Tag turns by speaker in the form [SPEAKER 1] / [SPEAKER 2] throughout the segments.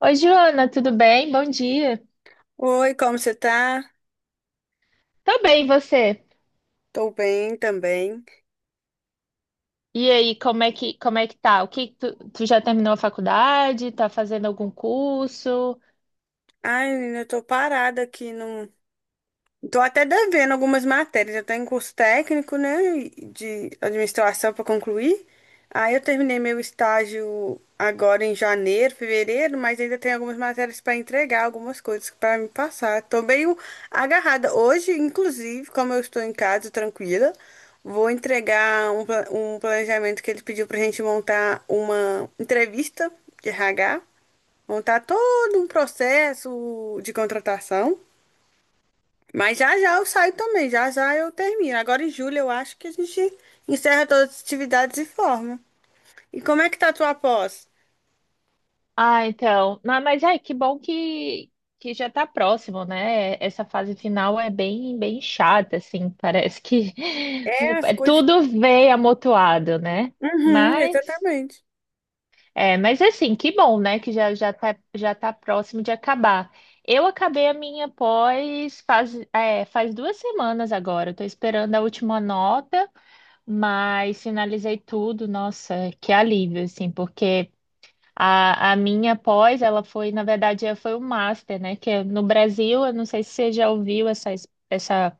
[SPEAKER 1] Oi, Joana, tudo bem? Bom dia.
[SPEAKER 2] Oi, como você tá?
[SPEAKER 1] Tô bem, e você?
[SPEAKER 2] Tô bem também.
[SPEAKER 1] E aí, como é que tá? O que tu já terminou a faculdade? Tá fazendo algum curso?
[SPEAKER 2] Ai, menina, eu tô parada aqui num, tô até devendo algumas matérias. Eu tô em curso técnico, né, de administração para concluir. Aí eu terminei meu estágio agora em janeiro, fevereiro, mas ainda tem algumas matérias para entregar, algumas coisas para me passar. Tô meio agarrada. Hoje, inclusive, como eu estou em casa tranquila, vou entregar um, um planejamento que ele pediu pra gente montar uma entrevista de RH, montar todo um processo de contratação. Mas já já eu saio também, já já eu termino. Agora em julho eu acho que a gente encerra todas as atividades e forma. E como é que tá a tua pós?
[SPEAKER 1] Ah, então. Mas ai, que bom que já tá próximo, né? Essa fase final é bem, bem chata, assim. Parece que
[SPEAKER 2] É, as coisas.
[SPEAKER 1] tudo vem amontoado, né?
[SPEAKER 2] Uhum,
[SPEAKER 1] Mas.
[SPEAKER 2] exatamente.
[SPEAKER 1] É, mas assim, que bom, né? Que já já tá próximo de acabar. Eu acabei a minha pós faz 2 semanas agora. Estou esperando a última nota, mas finalizei tudo. Nossa, que alívio, assim, porque a minha pós, ela foi, na verdade, ela foi o master, né? Que é no Brasil, eu não sei se você já ouviu essa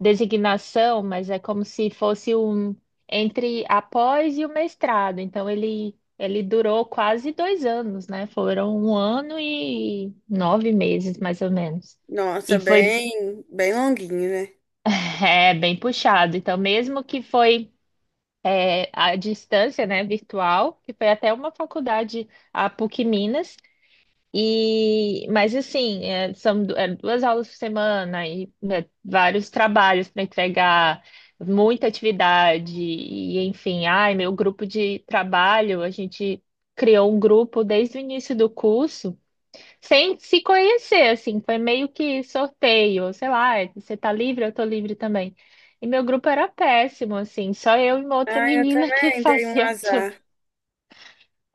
[SPEAKER 1] designação, mas é como se fosse um entre após e o mestrado. Então ele durou quase 2 anos, né? Foram um ano e 9 meses, mais ou menos.
[SPEAKER 2] Nossa,
[SPEAKER 1] E foi
[SPEAKER 2] bem, bem longuinho, né?
[SPEAKER 1] bem puxado. Então, mesmo que foi à distância, né, virtual, que foi até uma faculdade, a PUC Minas. Mas assim, são duas aulas por semana e né, vários trabalhos para entregar, muita atividade, e enfim, ai, meu grupo de trabalho, a gente criou um grupo desde o início do curso, sem se conhecer, assim, foi meio que sorteio, sei lá, você tá livre, eu tô livre também. E meu grupo era péssimo, assim, só eu e uma outra
[SPEAKER 2] Ah, eu
[SPEAKER 1] menina que
[SPEAKER 2] também dei um
[SPEAKER 1] fazia tudo.
[SPEAKER 2] azar.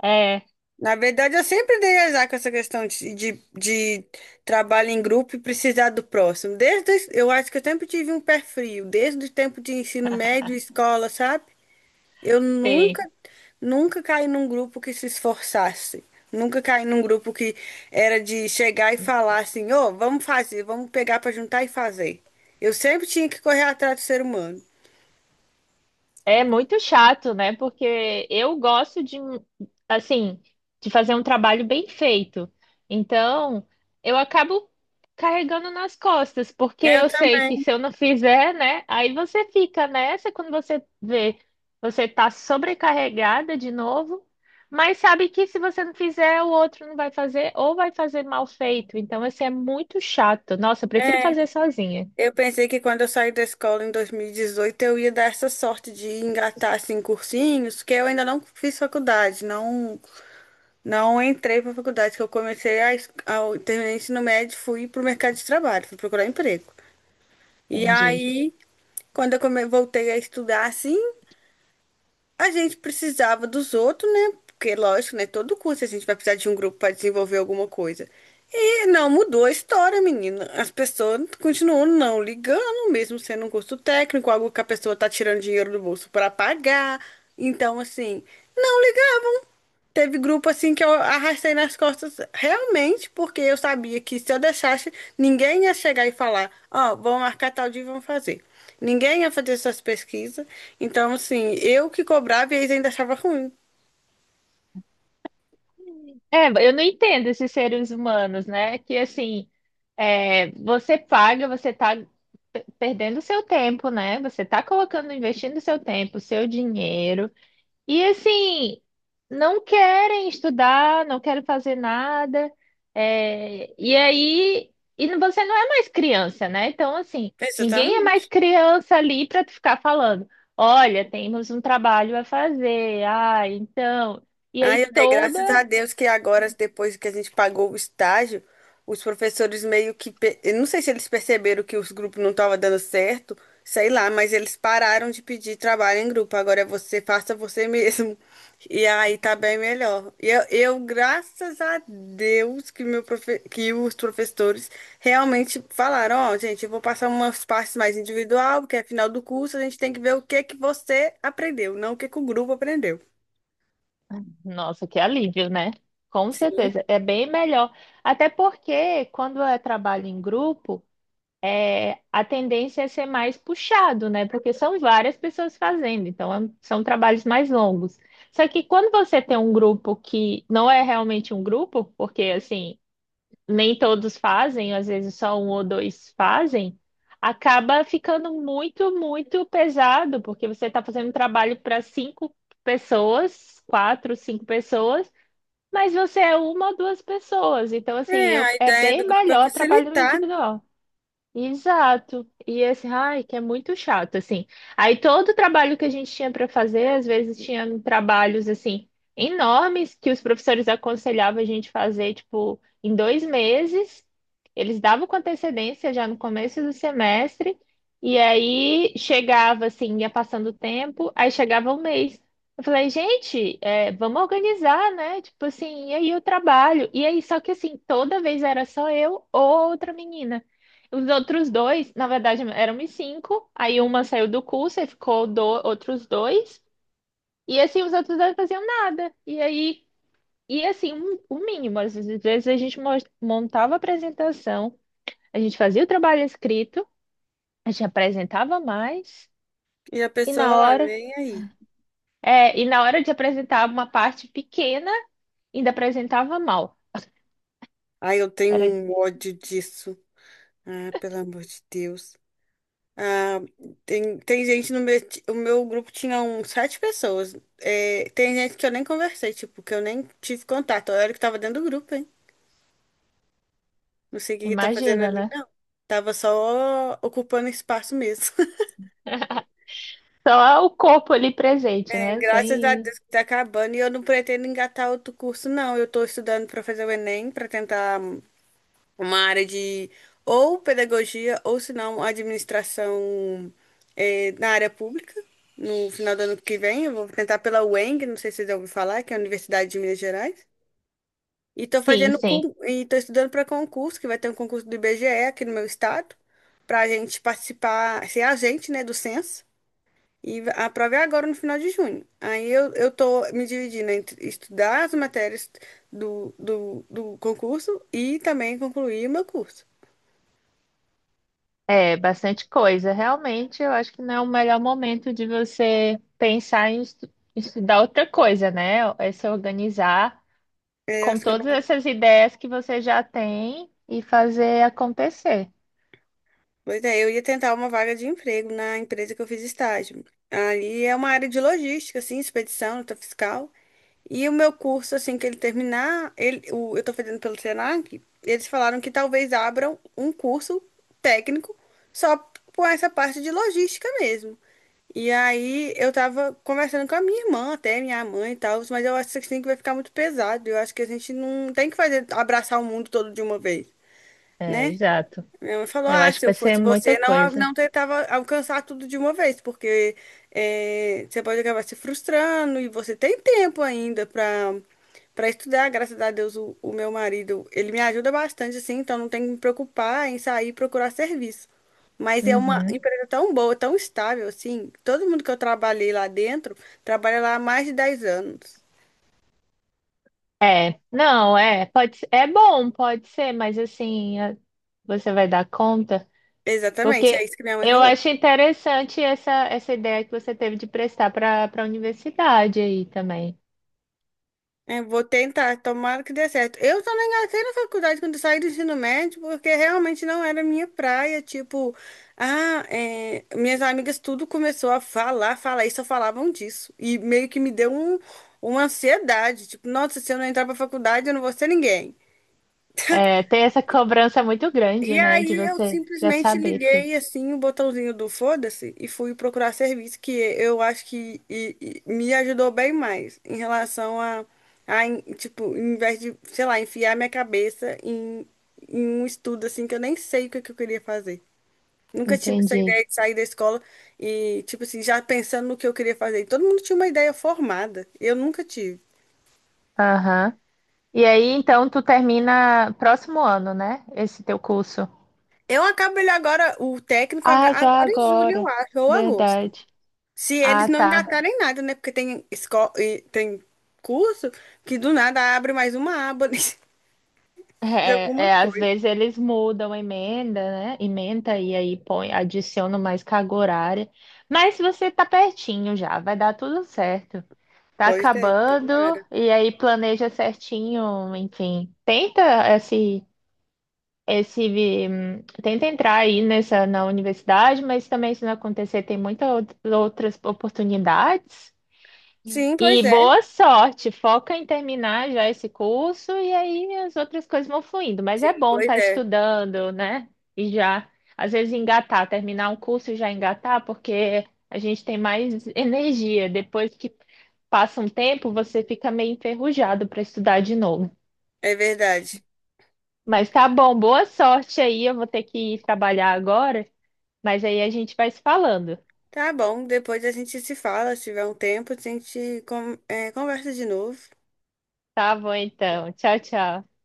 [SPEAKER 1] É,
[SPEAKER 2] Na verdade, eu sempre dei azar com essa questão de trabalho em grupo e precisar do próximo. Desde, eu acho que eu sempre tive um pé frio, desde o tempo de ensino médio, escola, sabe? Eu
[SPEAKER 1] sim.
[SPEAKER 2] nunca, nunca caí num grupo que se esforçasse. Nunca caí num grupo que era de chegar e falar assim, ô, vamos fazer, vamos pegar pra juntar e fazer. Eu sempre tinha que correr atrás do ser humano.
[SPEAKER 1] É muito chato, né? Porque eu gosto assim, de fazer um trabalho bem feito. Então, eu acabo carregando nas costas, porque
[SPEAKER 2] Eu
[SPEAKER 1] eu sei
[SPEAKER 2] também.
[SPEAKER 1] que se eu não fizer, né? Aí você fica nessa quando você vê, você tá sobrecarregada de novo, mas sabe que se você não fizer, o outro não vai fazer ou vai fazer mal feito. Então, assim, é muito chato. Nossa, eu prefiro
[SPEAKER 2] É,
[SPEAKER 1] fazer sozinha.
[SPEAKER 2] eu pensei que quando eu saí da escola em 2018 eu ia dar essa sorte de engatar assim cursinhos, que eu ainda não fiz faculdade, não entrei para faculdade, que eu comecei ao terminar o ensino médio, fui pro mercado de trabalho, fui procurar emprego. E
[SPEAKER 1] Entendi.
[SPEAKER 2] aí, quando eu voltei a estudar assim, a gente precisava dos outros, né? Porque, lógico, né? Todo curso a gente vai precisar de um grupo para desenvolver alguma coisa. E não mudou a história, menina. As pessoas continuam não ligando, mesmo sendo um curso técnico, algo que a pessoa tá tirando dinheiro do bolso para pagar. Então, assim, não ligavam. Teve grupo assim que eu arrastei nas costas realmente, porque eu sabia que se eu deixasse, ninguém ia chegar e falar, ó, vamos marcar tal dia e vamos fazer. Ninguém ia fazer essas pesquisas. Então, assim, eu que cobrava e eles ainda achavam ruim.
[SPEAKER 1] É, eu não entendo esses seres humanos, né? Que assim, você paga, você tá perdendo seu tempo, né? Você tá colocando, investindo seu tempo, seu dinheiro, e assim, não querem estudar, não querem fazer nada, e aí, você não é mais criança, né? Então, assim, ninguém é mais
[SPEAKER 2] Exatamente.
[SPEAKER 1] criança ali para ficar falando, olha, temos um trabalho a fazer, ah, então. E
[SPEAKER 2] Ai,
[SPEAKER 1] aí
[SPEAKER 2] eu dei
[SPEAKER 1] toda
[SPEAKER 2] graças a Deus que agora, depois que a gente pagou o estágio, os professores meio que. Eu não sei se eles perceberam que os grupos não estavam dando certo, sei lá, mas eles pararam de pedir trabalho em grupo. Agora é você, faça você mesmo. E aí tá bem melhor. E graças a Deus, que, que os professores realmente falaram: Ó, gente, eu vou passar umas partes mais individual, porque é final do curso, a gente tem que ver o que que você aprendeu, não o que que o grupo aprendeu.
[SPEAKER 1] nossa, que alívio, né? Com
[SPEAKER 2] Sim.
[SPEAKER 1] certeza, é bem melhor. Até porque quando é trabalho em grupo, a tendência é ser mais puxado, né? Porque são várias pessoas fazendo, então são trabalhos mais longos. Só que quando você tem um grupo que não é realmente um grupo, porque assim, nem todos fazem, às vezes só um ou dois fazem, acaba ficando muito, muito pesado, porque você está fazendo um trabalho para cinco pessoas, quatro, cinco pessoas, mas você é uma ou duas pessoas. Então,
[SPEAKER 2] É,
[SPEAKER 1] assim,
[SPEAKER 2] a
[SPEAKER 1] é
[SPEAKER 2] ideia do
[SPEAKER 1] bem
[SPEAKER 2] grupo é
[SPEAKER 1] melhor trabalho
[SPEAKER 2] facilitar, né?
[SPEAKER 1] individual. Exato. E esse ai, que é muito chato, assim. Aí todo o trabalho que a gente tinha para fazer, às vezes tinha trabalhos assim enormes que os professores aconselhavam a gente fazer, tipo, em 2 meses. Eles davam com antecedência já no começo do semestre, e aí chegava assim, ia passando o tempo, aí chegava um mês. Eu falei, gente, vamos organizar, né? Tipo assim, e aí o trabalho? E aí, só que assim, toda vez era só eu ou outra menina. Os outros dois, na verdade, éramos cinco. Aí uma saiu do curso, aí ficou outros dois. E assim, os outros dois faziam nada. E aí, e assim, o mínimo. Às vezes a gente montava a apresentação, a gente fazia o trabalho escrito, a gente apresentava mais,
[SPEAKER 2] E a
[SPEAKER 1] e
[SPEAKER 2] pessoa
[SPEAKER 1] na
[SPEAKER 2] lá,
[SPEAKER 1] hora,
[SPEAKER 2] nem aí.
[SPEAKER 1] e na hora de apresentar uma parte pequena, ainda apresentava mal.
[SPEAKER 2] Ai, eu tenho
[SPEAKER 1] Era,
[SPEAKER 2] um ódio disso. Ah, pelo amor de Deus. Ah, tem gente no meu. O meu grupo tinha uns sete pessoas. É, tem gente que eu nem conversei, tipo, que eu nem tive contato. Eu era que tava dentro do grupo, hein? Não sei o que que tá fazendo
[SPEAKER 1] imagina,
[SPEAKER 2] ali,
[SPEAKER 1] né?
[SPEAKER 2] não. Tava só ocupando espaço mesmo.
[SPEAKER 1] Só o corpo ali presente, né?
[SPEAKER 2] graças a
[SPEAKER 1] Sem.
[SPEAKER 2] Deus que tá acabando. E eu não pretendo engatar outro curso, não. Eu tô estudando pra fazer o Enem, pra tentar uma área de ou pedagogia ou se não administração na área pública. No final do ano que vem, eu vou tentar pela UENG, não sei se vocês já ouviram falar, que é a Universidade de Minas Gerais. E estou
[SPEAKER 1] Sim,
[SPEAKER 2] fazendo
[SPEAKER 1] sim.
[SPEAKER 2] e estou estudando para concurso, que vai ter um concurso do IBGE aqui no meu estado, para a gente participar, ser agente, né, do censo. E a prova é agora no final de junho. Aí eu tô me dividindo entre estudar as matérias do concurso e também concluir o meu curso.
[SPEAKER 1] É, bastante coisa. Realmente, eu acho que não é o melhor momento de você pensar em estudar outra coisa, né? É se organizar
[SPEAKER 2] É,
[SPEAKER 1] com
[SPEAKER 2] acho que eu
[SPEAKER 1] todas
[SPEAKER 2] não...
[SPEAKER 1] essas ideias que você já tem e fazer acontecer.
[SPEAKER 2] Pois é, eu ia tentar uma vaga de emprego na empresa que eu fiz estágio. Ali é uma área de logística, assim, expedição, nota fiscal. E o meu curso, assim, que ele terminar, ele, o, eu estou fazendo pelo Senac, eles falaram que talvez abram um curso técnico só com essa parte de logística mesmo. E aí eu tava conversando com a minha irmã, até minha mãe e tal, mas eu acho que assim que vai ficar muito pesado. Eu acho que a gente não tem que fazer, abraçar o mundo todo de uma vez.
[SPEAKER 1] É,
[SPEAKER 2] Né?
[SPEAKER 1] exato.
[SPEAKER 2] Minha mãe falou:
[SPEAKER 1] Eu
[SPEAKER 2] Ah,
[SPEAKER 1] acho que
[SPEAKER 2] se eu
[SPEAKER 1] vai ser
[SPEAKER 2] fosse
[SPEAKER 1] muita
[SPEAKER 2] você, não,
[SPEAKER 1] coisa.
[SPEAKER 2] não tentava alcançar tudo de uma vez, porque você pode acabar se frustrando e você tem tempo ainda para para estudar. Graças a Deus, o meu marido, ele me ajuda bastante, assim, então não tem que me preocupar em sair e procurar serviço. Mas é uma
[SPEAKER 1] Uhum.
[SPEAKER 2] empresa tão boa, tão estável, assim. Todo mundo que eu trabalhei lá dentro trabalha lá há mais de 10 anos.
[SPEAKER 1] É, não, é bom, pode ser, mas assim, você vai dar conta,
[SPEAKER 2] Exatamente, é
[SPEAKER 1] porque
[SPEAKER 2] isso que minha mãe
[SPEAKER 1] eu
[SPEAKER 2] falou.
[SPEAKER 1] acho interessante essa ideia que você teve de prestar para a universidade aí também.
[SPEAKER 2] É, vou tentar, tomara que dê certo. Eu só não engatei na faculdade quando eu saí do ensino médio, porque realmente não era minha praia. Tipo, minhas amigas tudo começou a falar, falar, e só falavam disso. E meio que me deu um, uma ansiedade. Tipo, nossa, se eu não entrar pra faculdade, eu não vou ser ninguém.
[SPEAKER 1] É, tem essa cobrança muito grande,
[SPEAKER 2] E
[SPEAKER 1] né? De
[SPEAKER 2] aí eu
[SPEAKER 1] você já
[SPEAKER 2] simplesmente
[SPEAKER 1] saber tudo.
[SPEAKER 2] liguei assim o botãozinho do foda-se e fui procurar serviço, que eu acho que e me ajudou bem mais em relação tipo, em vez de, sei lá, enfiar minha cabeça em um estudo assim que eu nem sei o que, que eu queria fazer. Nunca tive essa
[SPEAKER 1] Entendi.
[SPEAKER 2] ideia de sair da escola e, tipo assim, já pensando no que eu queria fazer. E todo mundo tinha uma ideia formada. Eu nunca tive.
[SPEAKER 1] Aham. E aí, então, tu termina próximo ano, né? Esse teu curso.
[SPEAKER 2] Eu acabo ele agora, o técnico,
[SPEAKER 1] Ah, já
[SPEAKER 2] agora em julho, eu
[SPEAKER 1] agora.
[SPEAKER 2] acho, ou agosto.
[SPEAKER 1] Verdade.
[SPEAKER 2] Se eles
[SPEAKER 1] Ah,
[SPEAKER 2] não
[SPEAKER 1] tá.
[SPEAKER 2] engatarem nada, né? Porque tem escola e tem curso que do nada abre mais uma aba de alguma
[SPEAKER 1] Às
[SPEAKER 2] coisa.
[SPEAKER 1] vezes eles mudam a emenda, né? Emenda e aí põe, adicionam mais carga horária. Mas você tá pertinho já, vai dar tudo certo. Tá
[SPEAKER 2] Pois é,
[SPEAKER 1] acabando
[SPEAKER 2] tomara.
[SPEAKER 1] e aí planeja certinho, enfim. Esse tenta entrar aí nessa na universidade, mas também se não acontecer, tem muitas outras oportunidades.
[SPEAKER 2] Sim, pois
[SPEAKER 1] E
[SPEAKER 2] é.
[SPEAKER 1] boa sorte, foca em terminar já esse curso e aí as outras coisas vão fluindo. Mas
[SPEAKER 2] Sim,
[SPEAKER 1] é bom
[SPEAKER 2] pois
[SPEAKER 1] estar
[SPEAKER 2] é.
[SPEAKER 1] estudando, né? E já, às vezes, engatar, terminar um curso e já engatar, porque a gente tem mais energia. Depois que passa um tempo, você fica meio enferrujado para estudar de novo.
[SPEAKER 2] É verdade.
[SPEAKER 1] Mas tá bom, boa sorte aí. Eu vou ter que ir trabalhar agora. Mas aí a gente vai se falando.
[SPEAKER 2] Tá bom, depois a gente se fala, se tiver um tempo, a gente conversa de novo.
[SPEAKER 1] Tá bom, então. Tchau, tchau.